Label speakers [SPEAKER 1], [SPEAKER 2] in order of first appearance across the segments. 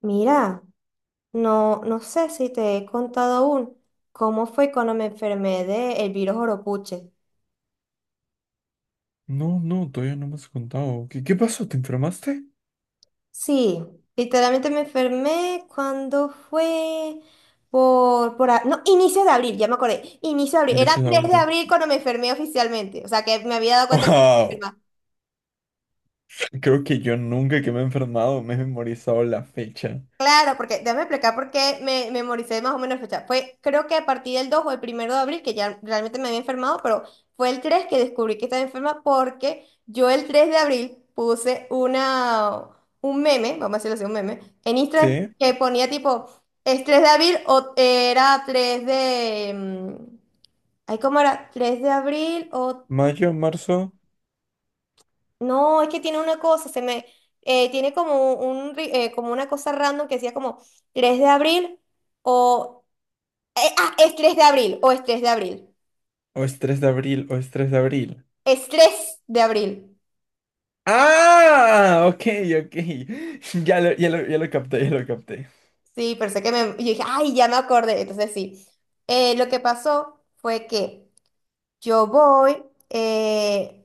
[SPEAKER 1] Mira, no, no sé si te he contado aún cómo fue cuando me enfermé del virus Oropuche.
[SPEAKER 2] No, no, todavía no me has contado. ¿Qué, qué pasó? ¿Te enfermaste?
[SPEAKER 1] Sí, literalmente me enfermé cuando fue por... No, inicios de abril, ya me acordé. Inicios de abril. Era 3 de
[SPEAKER 2] Innecesario.
[SPEAKER 1] abril cuando me enfermé oficialmente. O sea que me había dado cuenta que
[SPEAKER 2] Wow, creo que yo nunca que me he enfermado me he memorizado la fecha.
[SPEAKER 1] claro, porque déjame explicar por qué me memoricé más o menos la fecha. Fue, creo que a partir del 2 o el primero de abril, que ya realmente me había enfermado, pero fue el tres que descubrí que estaba enferma porque yo el 3 de abril puse una, un meme, vamos a decirlo así, un meme, en Instagram
[SPEAKER 2] ¿Sí?
[SPEAKER 1] que ponía tipo, es 3 de abril o era 3 de... ay, ¿cómo era? 3 de abril o
[SPEAKER 2] ¿Mayo, marzo?
[SPEAKER 1] no, es que tiene una cosa, se me tiene como un como una cosa random que decía como 3 de abril o es 3 de abril o es 3 de abril.
[SPEAKER 2] ¿O es 3 de abril? ¿O es 3 de abril?
[SPEAKER 1] Es 3 de abril.
[SPEAKER 2] ¡Ah! Ok, ok. Ya lo capté, ya lo capté.
[SPEAKER 1] Sí, pero sé que me yo dije, "Ay, ya me acordé". Entonces sí. Lo que pasó fue que yo voy,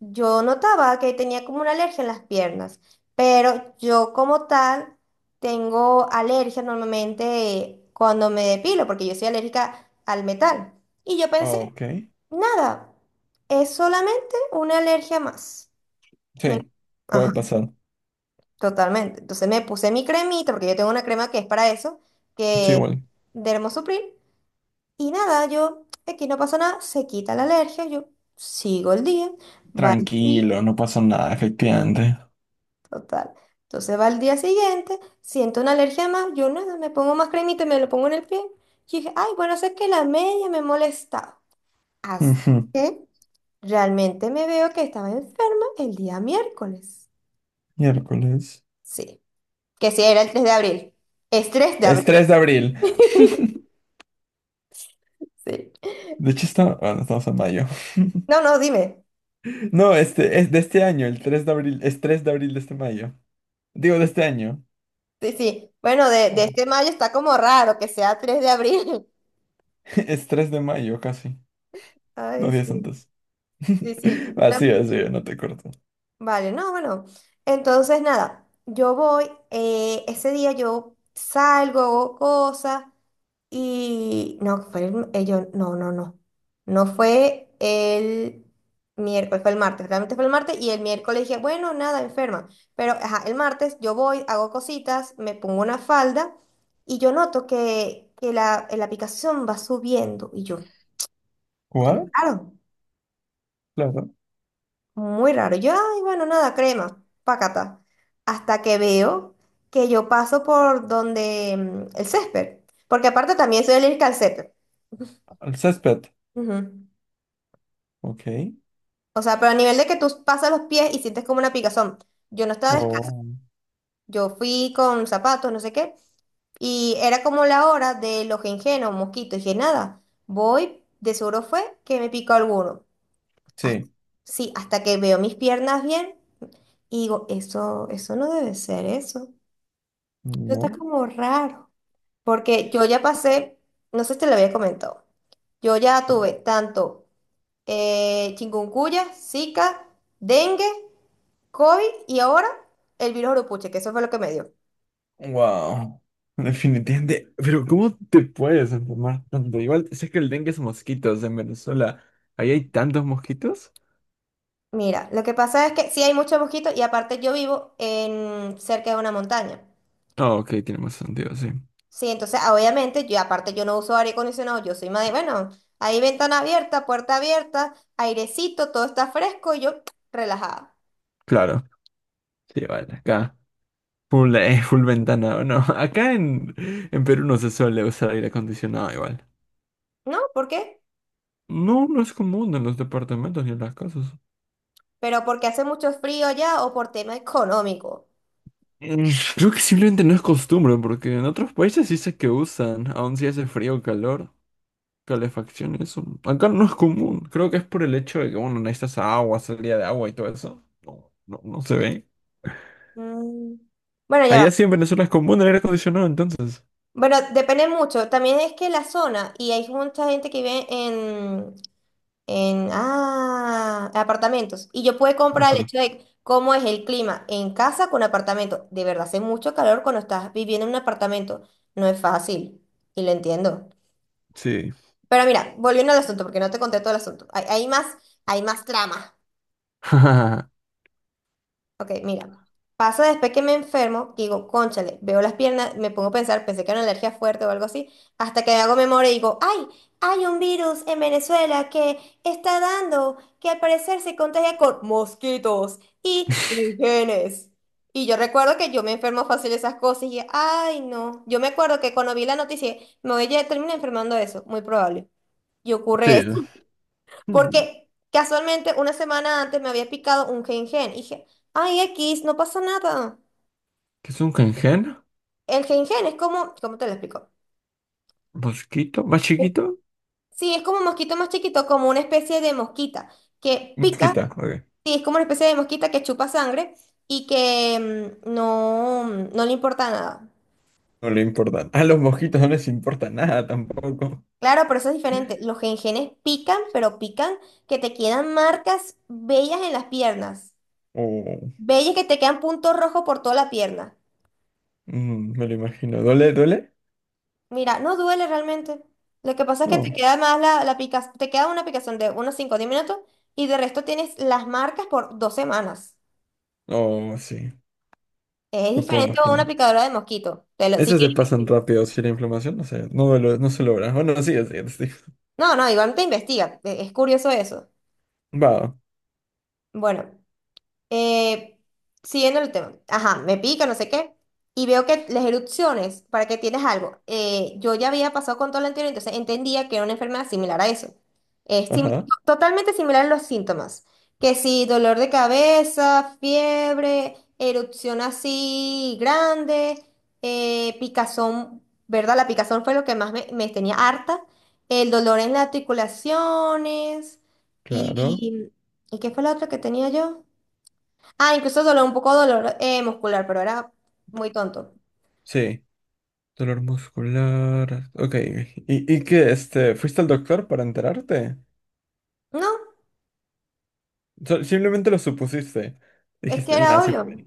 [SPEAKER 1] yo notaba que tenía como una alergia en las piernas, pero yo como tal tengo alergia normalmente cuando me depilo, porque yo soy alérgica al metal. Y yo
[SPEAKER 2] Ah,
[SPEAKER 1] pensé,
[SPEAKER 2] ok.
[SPEAKER 1] nada, es solamente una alergia más. Me-
[SPEAKER 2] Sí,
[SPEAKER 1] Ajá,
[SPEAKER 2] puede pasar.
[SPEAKER 1] totalmente. Entonces me puse mi cremita, porque yo tengo una crema que es para eso,
[SPEAKER 2] Sí,
[SPEAKER 1] que es
[SPEAKER 2] igual.
[SPEAKER 1] de Hermosupril, y nada, yo, aquí no pasó nada, se quita la alergia, yo sigo el día, va el día,
[SPEAKER 2] Tranquilo, no pasó nada, efectivamente.
[SPEAKER 1] total. Entonces va el día siguiente, siento una alergia más, yo nada, me pongo más cremita y me lo pongo en el pie. Y dije, ay, bueno, sé que la media me molestaba. Hasta
[SPEAKER 2] Ujú.
[SPEAKER 1] que realmente me veo que estaba enferma el día miércoles.
[SPEAKER 2] Miércoles.
[SPEAKER 1] Sí, que sí, era el 3 de abril. Es 3 de
[SPEAKER 2] Es
[SPEAKER 1] abril.
[SPEAKER 2] 3 de abril.
[SPEAKER 1] Sí.
[SPEAKER 2] De hecho, ah, no, estamos en mayo.
[SPEAKER 1] No, no, dime.
[SPEAKER 2] No, este es de este año, el tres de abril, es 3 de abril de este mayo. Digo, de este año.
[SPEAKER 1] Sí, sí. Bueno, de
[SPEAKER 2] Oh,
[SPEAKER 1] este mayo está como raro que sea 3 de abril.
[SPEAKER 2] es 3 de mayo casi, dos
[SPEAKER 1] Ay,
[SPEAKER 2] días
[SPEAKER 1] sí.
[SPEAKER 2] antes.
[SPEAKER 1] Sí, sí,
[SPEAKER 2] Así, así, no te corto.
[SPEAKER 1] vale, no, bueno. Entonces, nada, yo voy, ese día yo salgo, hago cosas y no, fue el, no, no, no. No fue el miércoles, fue el martes, realmente fue el martes y el miércoles dije, bueno, nada, enferma. Pero, ajá, el martes yo voy, hago cositas, me pongo una falda y yo noto que, que la aplicación va subiendo y yo, qué
[SPEAKER 2] ¿What?
[SPEAKER 1] raro.
[SPEAKER 2] Claro.
[SPEAKER 1] Muy raro. Yo, ay, bueno, nada, crema, pácata. Hasta que veo que yo paso por donde el césped. Porque aparte también soy alérgica al césped.
[SPEAKER 2] El césped.
[SPEAKER 1] Ujú.
[SPEAKER 2] Ok.
[SPEAKER 1] O sea, pero a nivel de que tú pasas los pies y sientes como una picazón. Yo no estaba descalza.
[SPEAKER 2] Oh,
[SPEAKER 1] Yo fui con zapatos, no sé qué. Y era como la hora de los o mosquitos. Y dije, nada, voy, de seguro fue que me picó alguno. Hasta-
[SPEAKER 2] sí.
[SPEAKER 1] sí, hasta que veo mis piernas bien y digo, eso no debe ser eso. Eso está
[SPEAKER 2] No.
[SPEAKER 1] como raro, porque yo ya pasé, no sé si te lo había comentado, yo ya tuve tanto chikungunya, Zika, dengue, COVID y ahora el virus Urupuche, que eso fue lo que me dio.
[SPEAKER 2] Wow. Definitivamente. Pero ¿cómo te puedes enfermar tanto? Igual sé que el dengue es mosquitos en Venezuela. ¿Ahí hay tantos mosquitos?
[SPEAKER 1] Mira, lo que pasa es que sí hay muchos mosquitos y aparte yo vivo en cerca de una montaña.
[SPEAKER 2] Ah, ok, tiene más sentido, sí.
[SPEAKER 1] Sí, entonces ah, obviamente yo aparte yo no uso aire acondicionado, yo soy más de, bueno, hay ventana abierta, puerta abierta, airecito, todo está fresco y yo relajada.
[SPEAKER 2] Claro. Sí, vale, acá. Full, full ventana, ¿o no? En Perú no se suele usar aire acondicionado igual.
[SPEAKER 1] ¿No? ¿Por qué?
[SPEAKER 2] No, no es común en los departamentos ni en las casas.
[SPEAKER 1] ¿Pero porque hace mucho frío ya o por tema económico?
[SPEAKER 2] Mm, Creo que simplemente no es costumbre, porque en otros países sí sé que usan, aun si hace frío o calor, calefacción, eso. Acá no es común. Creo que es por el hecho de que, bueno, necesitas agua, salida de agua y todo eso. No, no, no se ve.
[SPEAKER 1] Mm, Bueno, ya va.
[SPEAKER 2] Allá sí en Venezuela es común el aire acondicionado, entonces.
[SPEAKER 1] Bueno, depende mucho. También es que la zona, y hay mucha gente que vive en ah, apartamentos. Y yo puedo comprar el
[SPEAKER 2] Acá.
[SPEAKER 1] hecho de cómo es el clima en casa con apartamento. De verdad, hace mucho calor cuando estás viviendo en un apartamento. No es fácil. Y lo entiendo.
[SPEAKER 2] Sí.
[SPEAKER 1] Pero mira, volviendo al asunto, porque no te conté todo el asunto. Hay más trama. Ok, mira. Pasa después que me enfermo, que digo, cónchale, veo las piernas, me pongo a pensar, pensé que era una alergia fuerte o algo así, hasta que hago memoria y digo, ¡ay! Hay un virus en Venezuela que está dando, que al parecer se contagia con mosquitos y genes. Y yo recuerdo que yo me enfermo fácil de esas cosas y, ¡ay no! Yo me acuerdo que cuando vi la noticia, me voy a terminar enfermando de eso, muy probable. Y ocurre
[SPEAKER 2] Sí. Mm,
[SPEAKER 1] porque casualmente una semana antes me había picado un gen-gen. Y dije, ay, X, no pasa nada.
[SPEAKER 2] ¿qué es un cangrejo?
[SPEAKER 1] El gen-gen es como, ¿cómo te lo explico?
[SPEAKER 2] ¿Mosquito? ¿Más chiquito?
[SPEAKER 1] Sí, es como un mosquito más chiquito, como una especie de mosquita que pica.
[SPEAKER 2] Mosquita, ok.
[SPEAKER 1] Sí, es como una especie de mosquita que chupa sangre y que no le importa nada.
[SPEAKER 2] No le importa. A los mosquitos no les importa nada tampoco.
[SPEAKER 1] Claro, pero eso es diferente. Los gengenes pican, pero pican que te quedan marcas bellas en las piernas.
[SPEAKER 2] Oh,
[SPEAKER 1] Bellas que te quedan puntos rojos por toda la pierna.
[SPEAKER 2] mm, me lo imagino. ¿Duele? ¿Duele?
[SPEAKER 1] Mira, no duele realmente. Lo que pasa es que te
[SPEAKER 2] No.
[SPEAKER 1] queda más la te queda una picazón de unos 5 o 10 minutos y de resto tienes las marcas por 2 semanas.
[SPEAKER 2] Oh, sí.
[SPEAKER 1] Es
[SPEAKER 2] Lo puedo
[SPEAKER 1] diferente a una
[SPEAKER 2] imaginar.
[SPEAKER 1] picadora de mosquito. Si
[SPEAKER 2] Esos se
[SPEAKER 1] quieres
[SPEAKER 2] pasan rápido si la inflamación no, no se logra. Bueno, sí, así es. Sí.
[SPEAKER 1] no, no, igual te investiga. Es curioso eso.
[SPEAKER 2] Va.
[SPEAKER 1] Bueno, Eh, siguiendo el tema, ajá, me pica, no sé qué, y veo que las erupciones, para que tienes algo, yo ya había pasado con todo lo anterior, entonces entendía que era una enfermedad similar a eso. Es simi-
[SPEAKER 2] Ajá.
[SPEAKER 1] totalmente similar a los síntomas, que si dolor de cabeza, fiebre, erupción así grande, picazón, ¿verdad? La picazón fue lo que más me tenía harta, el dolor en las articulaciones,
[SPEAKER 2] Claro.
[SPEAKER 1] y, ¿y qué fue la otra que tenía yo? Ah, incluso dolor, un poco dolor muscular, pero era muy tonto.
[SPEAKER 2] Sí. Dolor muscular. Ok. Y qué? Este, ¿fuiste al doctor para enterarte?
[SPEAKER 1] No,
[SPEAKER 2] Simplemente lo supusiste.
[SPEAKER 1] es que
[SPEAKER 2] Dijiste, nada,
[SPEAKER 1] era
[SPEAKER 2] sí, me
[SPEAKER 1] obvio.
[SPEAKER 2] duele".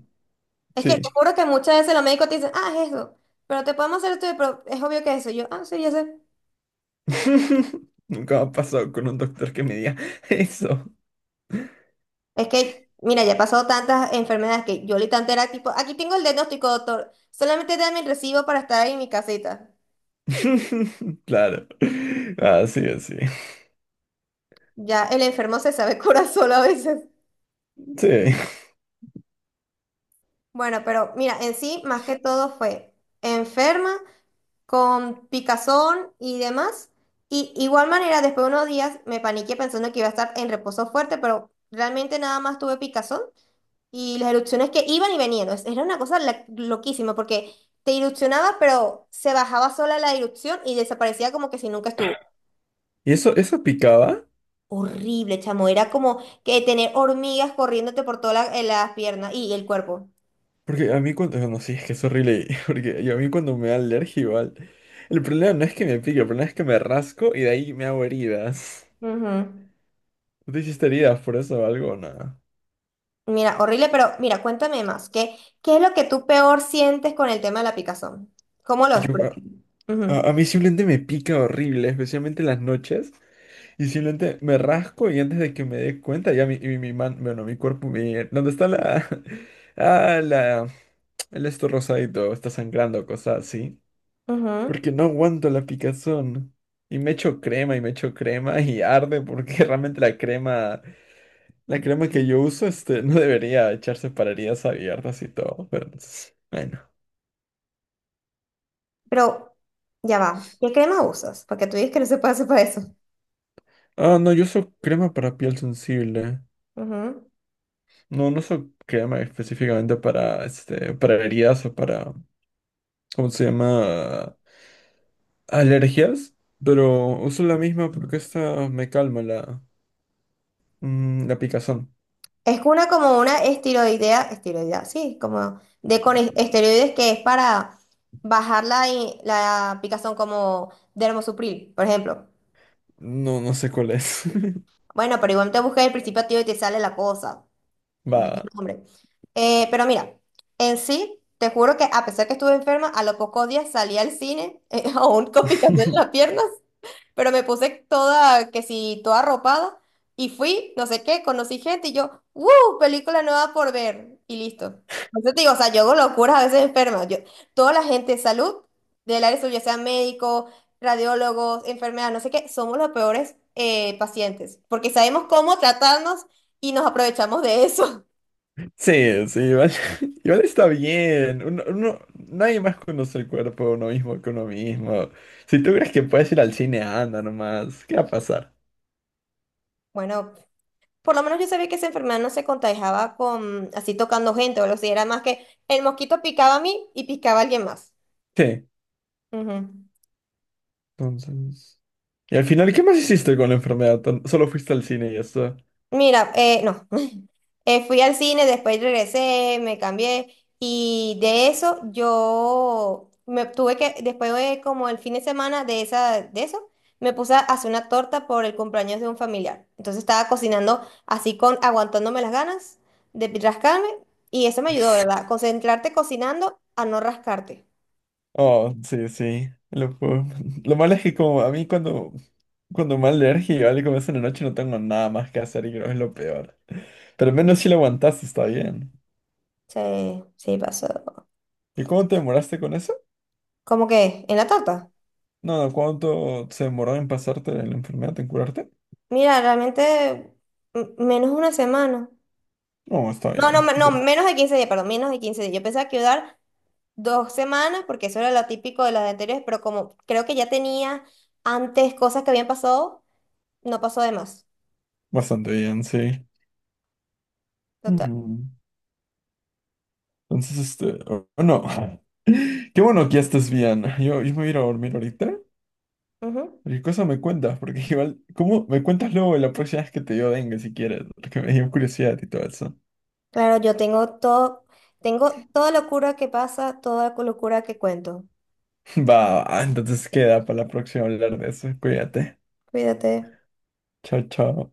[SPEAKER 1] Es que te
[SPEAKER 2] Sí.
[SPEAKER 1] juro que muchas veces los médicos te dicen, ah, es eso, pero te podemos hacer esto, pero es obvio que es eso. Y yo, ah, sí, ya sé.
[SPEAKER 2] Nunca me ha pasado con un doctor que me diga eso.
[SPEAKER 1] Es que, mira, ya he pasado tantas enfermedades que yo literalmente era tipo, aquí tengo el diagnóstico, doctor, solamente dame el recibo para estar en mi casita.
[SPEAKER 2] Claro. Así, así.
[SPEAKER 1] Ya el enfermo se sabe curar solo a veces.
[SPEAKER 2] Sí. Sí.
[SPEAKER 1] Bueno, pero mira, en sí, más que todo fue enferma con picazón y demás. Y igual manera, después de unos días me paniqué pensando que iba a estar en reposo fuerte, pero realmente nada más tuve picazón y las erupciones que iban y venían. Era una cosa loquísima porque te erupcionaba, pero se bajaba sola la erupción y desaparecía como que si nunca estuvo.
[SPEAKER 2] ¿Y eso picaba?
[SPEAKER 1] Horrible, chamo. Era como que tener hormigas corriéndote por todas las piernas y el cuerpo.
[SPEAKER 2] Porque a mí cuando... No, sí, es que es horrible. Porque yo a mí cuando me da alergia igual... El problema no es que me pique, el problema es que me rasco y de ahí me hago heridas.
[SPEAKER 1] Ujú.
[SPEAKER 2] ¿Tú te hiciste heridas por eso o algo? O nada.
[SPEAKER 1] Mira, horrible, pero mira, cuéntame más. ¿Qué, qué es lo que tú peor sientes con el tema de la picazón? ¿Cómo lo
[SPEAKER 2] A,
[SPEAKER 1] expresas? Ujú,
[SPEAKER 2] a mí simplemente me pica horrible, especialmente en las noches. Y simplemente me rasco y antes de que me dé cuenta, ya mi man, bueno, mi cuerpo, mi, ¿dónde está la, ah, la, el esto rosadito, está sangrando, cosas así.
[SPEAKER 1] ujú.
[SPEAKER 2] Porque no aguanto la picazón. Y me echo crema y me echo crema y arde porque realmente la crema que yo uso, este, no debería echarse para heridas abiertas y todo, pero pues, bueno.
[SPEAKER 1] Pero ya va. ¿Qué crema usas? Porque tú dices que no se puede hacer para eso.
[SPEAKER 2] Ah, no, yo uso crema para piel sensible.
[SPEAKER 1] Ujú.
[SPEAKER 2] No, no uso crema específicamente para, este, para heridas o para ¿cómo se llama? Alergias, pero uso la misma porque esta me calma la, mm, la picazón.
[SPEAKER 1] Es una como una esteroidea, esteroidea, sí, como de con esteroides que es para bajar la picazón como dermosupril, por ejemplo.
[SPEAKER 2] No, no sé cuál es.
[SPEAKER 1] Bueno, pero igual te buscas el principio activo y te sale la cosa. Digo,
[SPEAKER 2] Va.
[SPEAKER 1] "No, hombre". Pero mira, en sí, te juro que a pesar que estuve enferma, a los pocos días salí al cine, aún con picazón en las piernas, pero me puse toda, que si, toda arropada, y fui, no sé qué, conocí gente y yo, ¡wow! Película nueva por ver, y listo. Entonces te digo, o sea, yo hago locuras a veces enferma. Yo, toda la gente de salud, del área de salud, ya sean médicos, radiólogos, enfermeras, no sé qué, somos los peores pacientes, porque sabemos cómo tratarnos y nos aprovechamos de eso.
[SPEAKER 2] Sí, sí, igual, igual está bien. Nadie más conoce el cuerpo de uno mismo que uno mismo. Si tú crees que puedes ir al cine, anda nomás. ¿Qué va a pasar?
[SPEAKER 1] Bueno, por lo menos yo sabía que esa enfermedad no se contagiaba con así tocando gente o lo que era más que el mosquito picaba a mí y picaba a alguien más.
[SPEAKER 2] Sí,
[SPEAKER 1] Ujú.
[SPEAKER 2] entonces. Y al final, ¿qué más hiciste con la enfermedad? Solo fuiste al cine y ya está.
[SPEAKER 1] Mira, no, fui al cine, después regresé, me cambié y de eso yo me tuve que, después de como el fin de semana de esa, de eso, me puse a hacer una torta por el cumpleaños de un familiar. Entonces estaba cocinando así con, aguantándome las ganas de rascarme y eso me ayudó, ¿verdad? Concentrarte cocinando a no rascarte.
[SPEAKER 2] Oh, sí, sí. Lo malo es que como a mí cuando me da alergia, ¿vale? Como es en la noche no tengo nada más que hacer y creo que es lo peor. Pero al menos si lo aguantaste, está bien.
[SPEAKER 1] Sí, sí pasó.
[SPEAKER 2] ¿Y cómo te demoraste con eso?
[SPEAKER 1] ¿Cómo que? ¿En la torta?
[SPEAKER 2] No, no, ¿cuánto se demoró en pasarte la enfermedad, en curarte?
[SPEAKER 1] Mira, realmente menos una semana.
[SPEAKER 2] No, está
[SPEAKER 1] No,
[SPEAKER 2] bien. O sea,
[SPEAKER 1] menos de 15 días, perdón, menos de 15 días. Yo pensaba que iba a dar 2 semanas, porque eso era lo típico de las anteriores, pero como creo que ya tenía antes cosas que habían pasado, no pasó de más.
[SPEAKER 2] bastante bien, sí.
[SPEAKER 1] Total.
[SPEAKER 2] Mm. Entonces, este, oh, no. Qué bueno que ya estés bien. Yo me voy a ir a dormir ahorita.
[SPEAKER 1] Ujú.
[SPEAKER 2] ¿Y qué cosa me cuentas? Porque igual, ¿cómo me cuentas luego la próxima vez que te dio dengue si quieres? Porque me dio curiosidad y todo eso.
[SPEAKER 1] Claro, yo tengo todo, tengo toda locura que pasa, toda locura que cuento.
[SPEAKER 2] Va, va, entonces queda para la próxima hablar de eso. Cuídate.
[SPEAKER 1] Cuídate.
[SPEAKER 2] Chao, chao.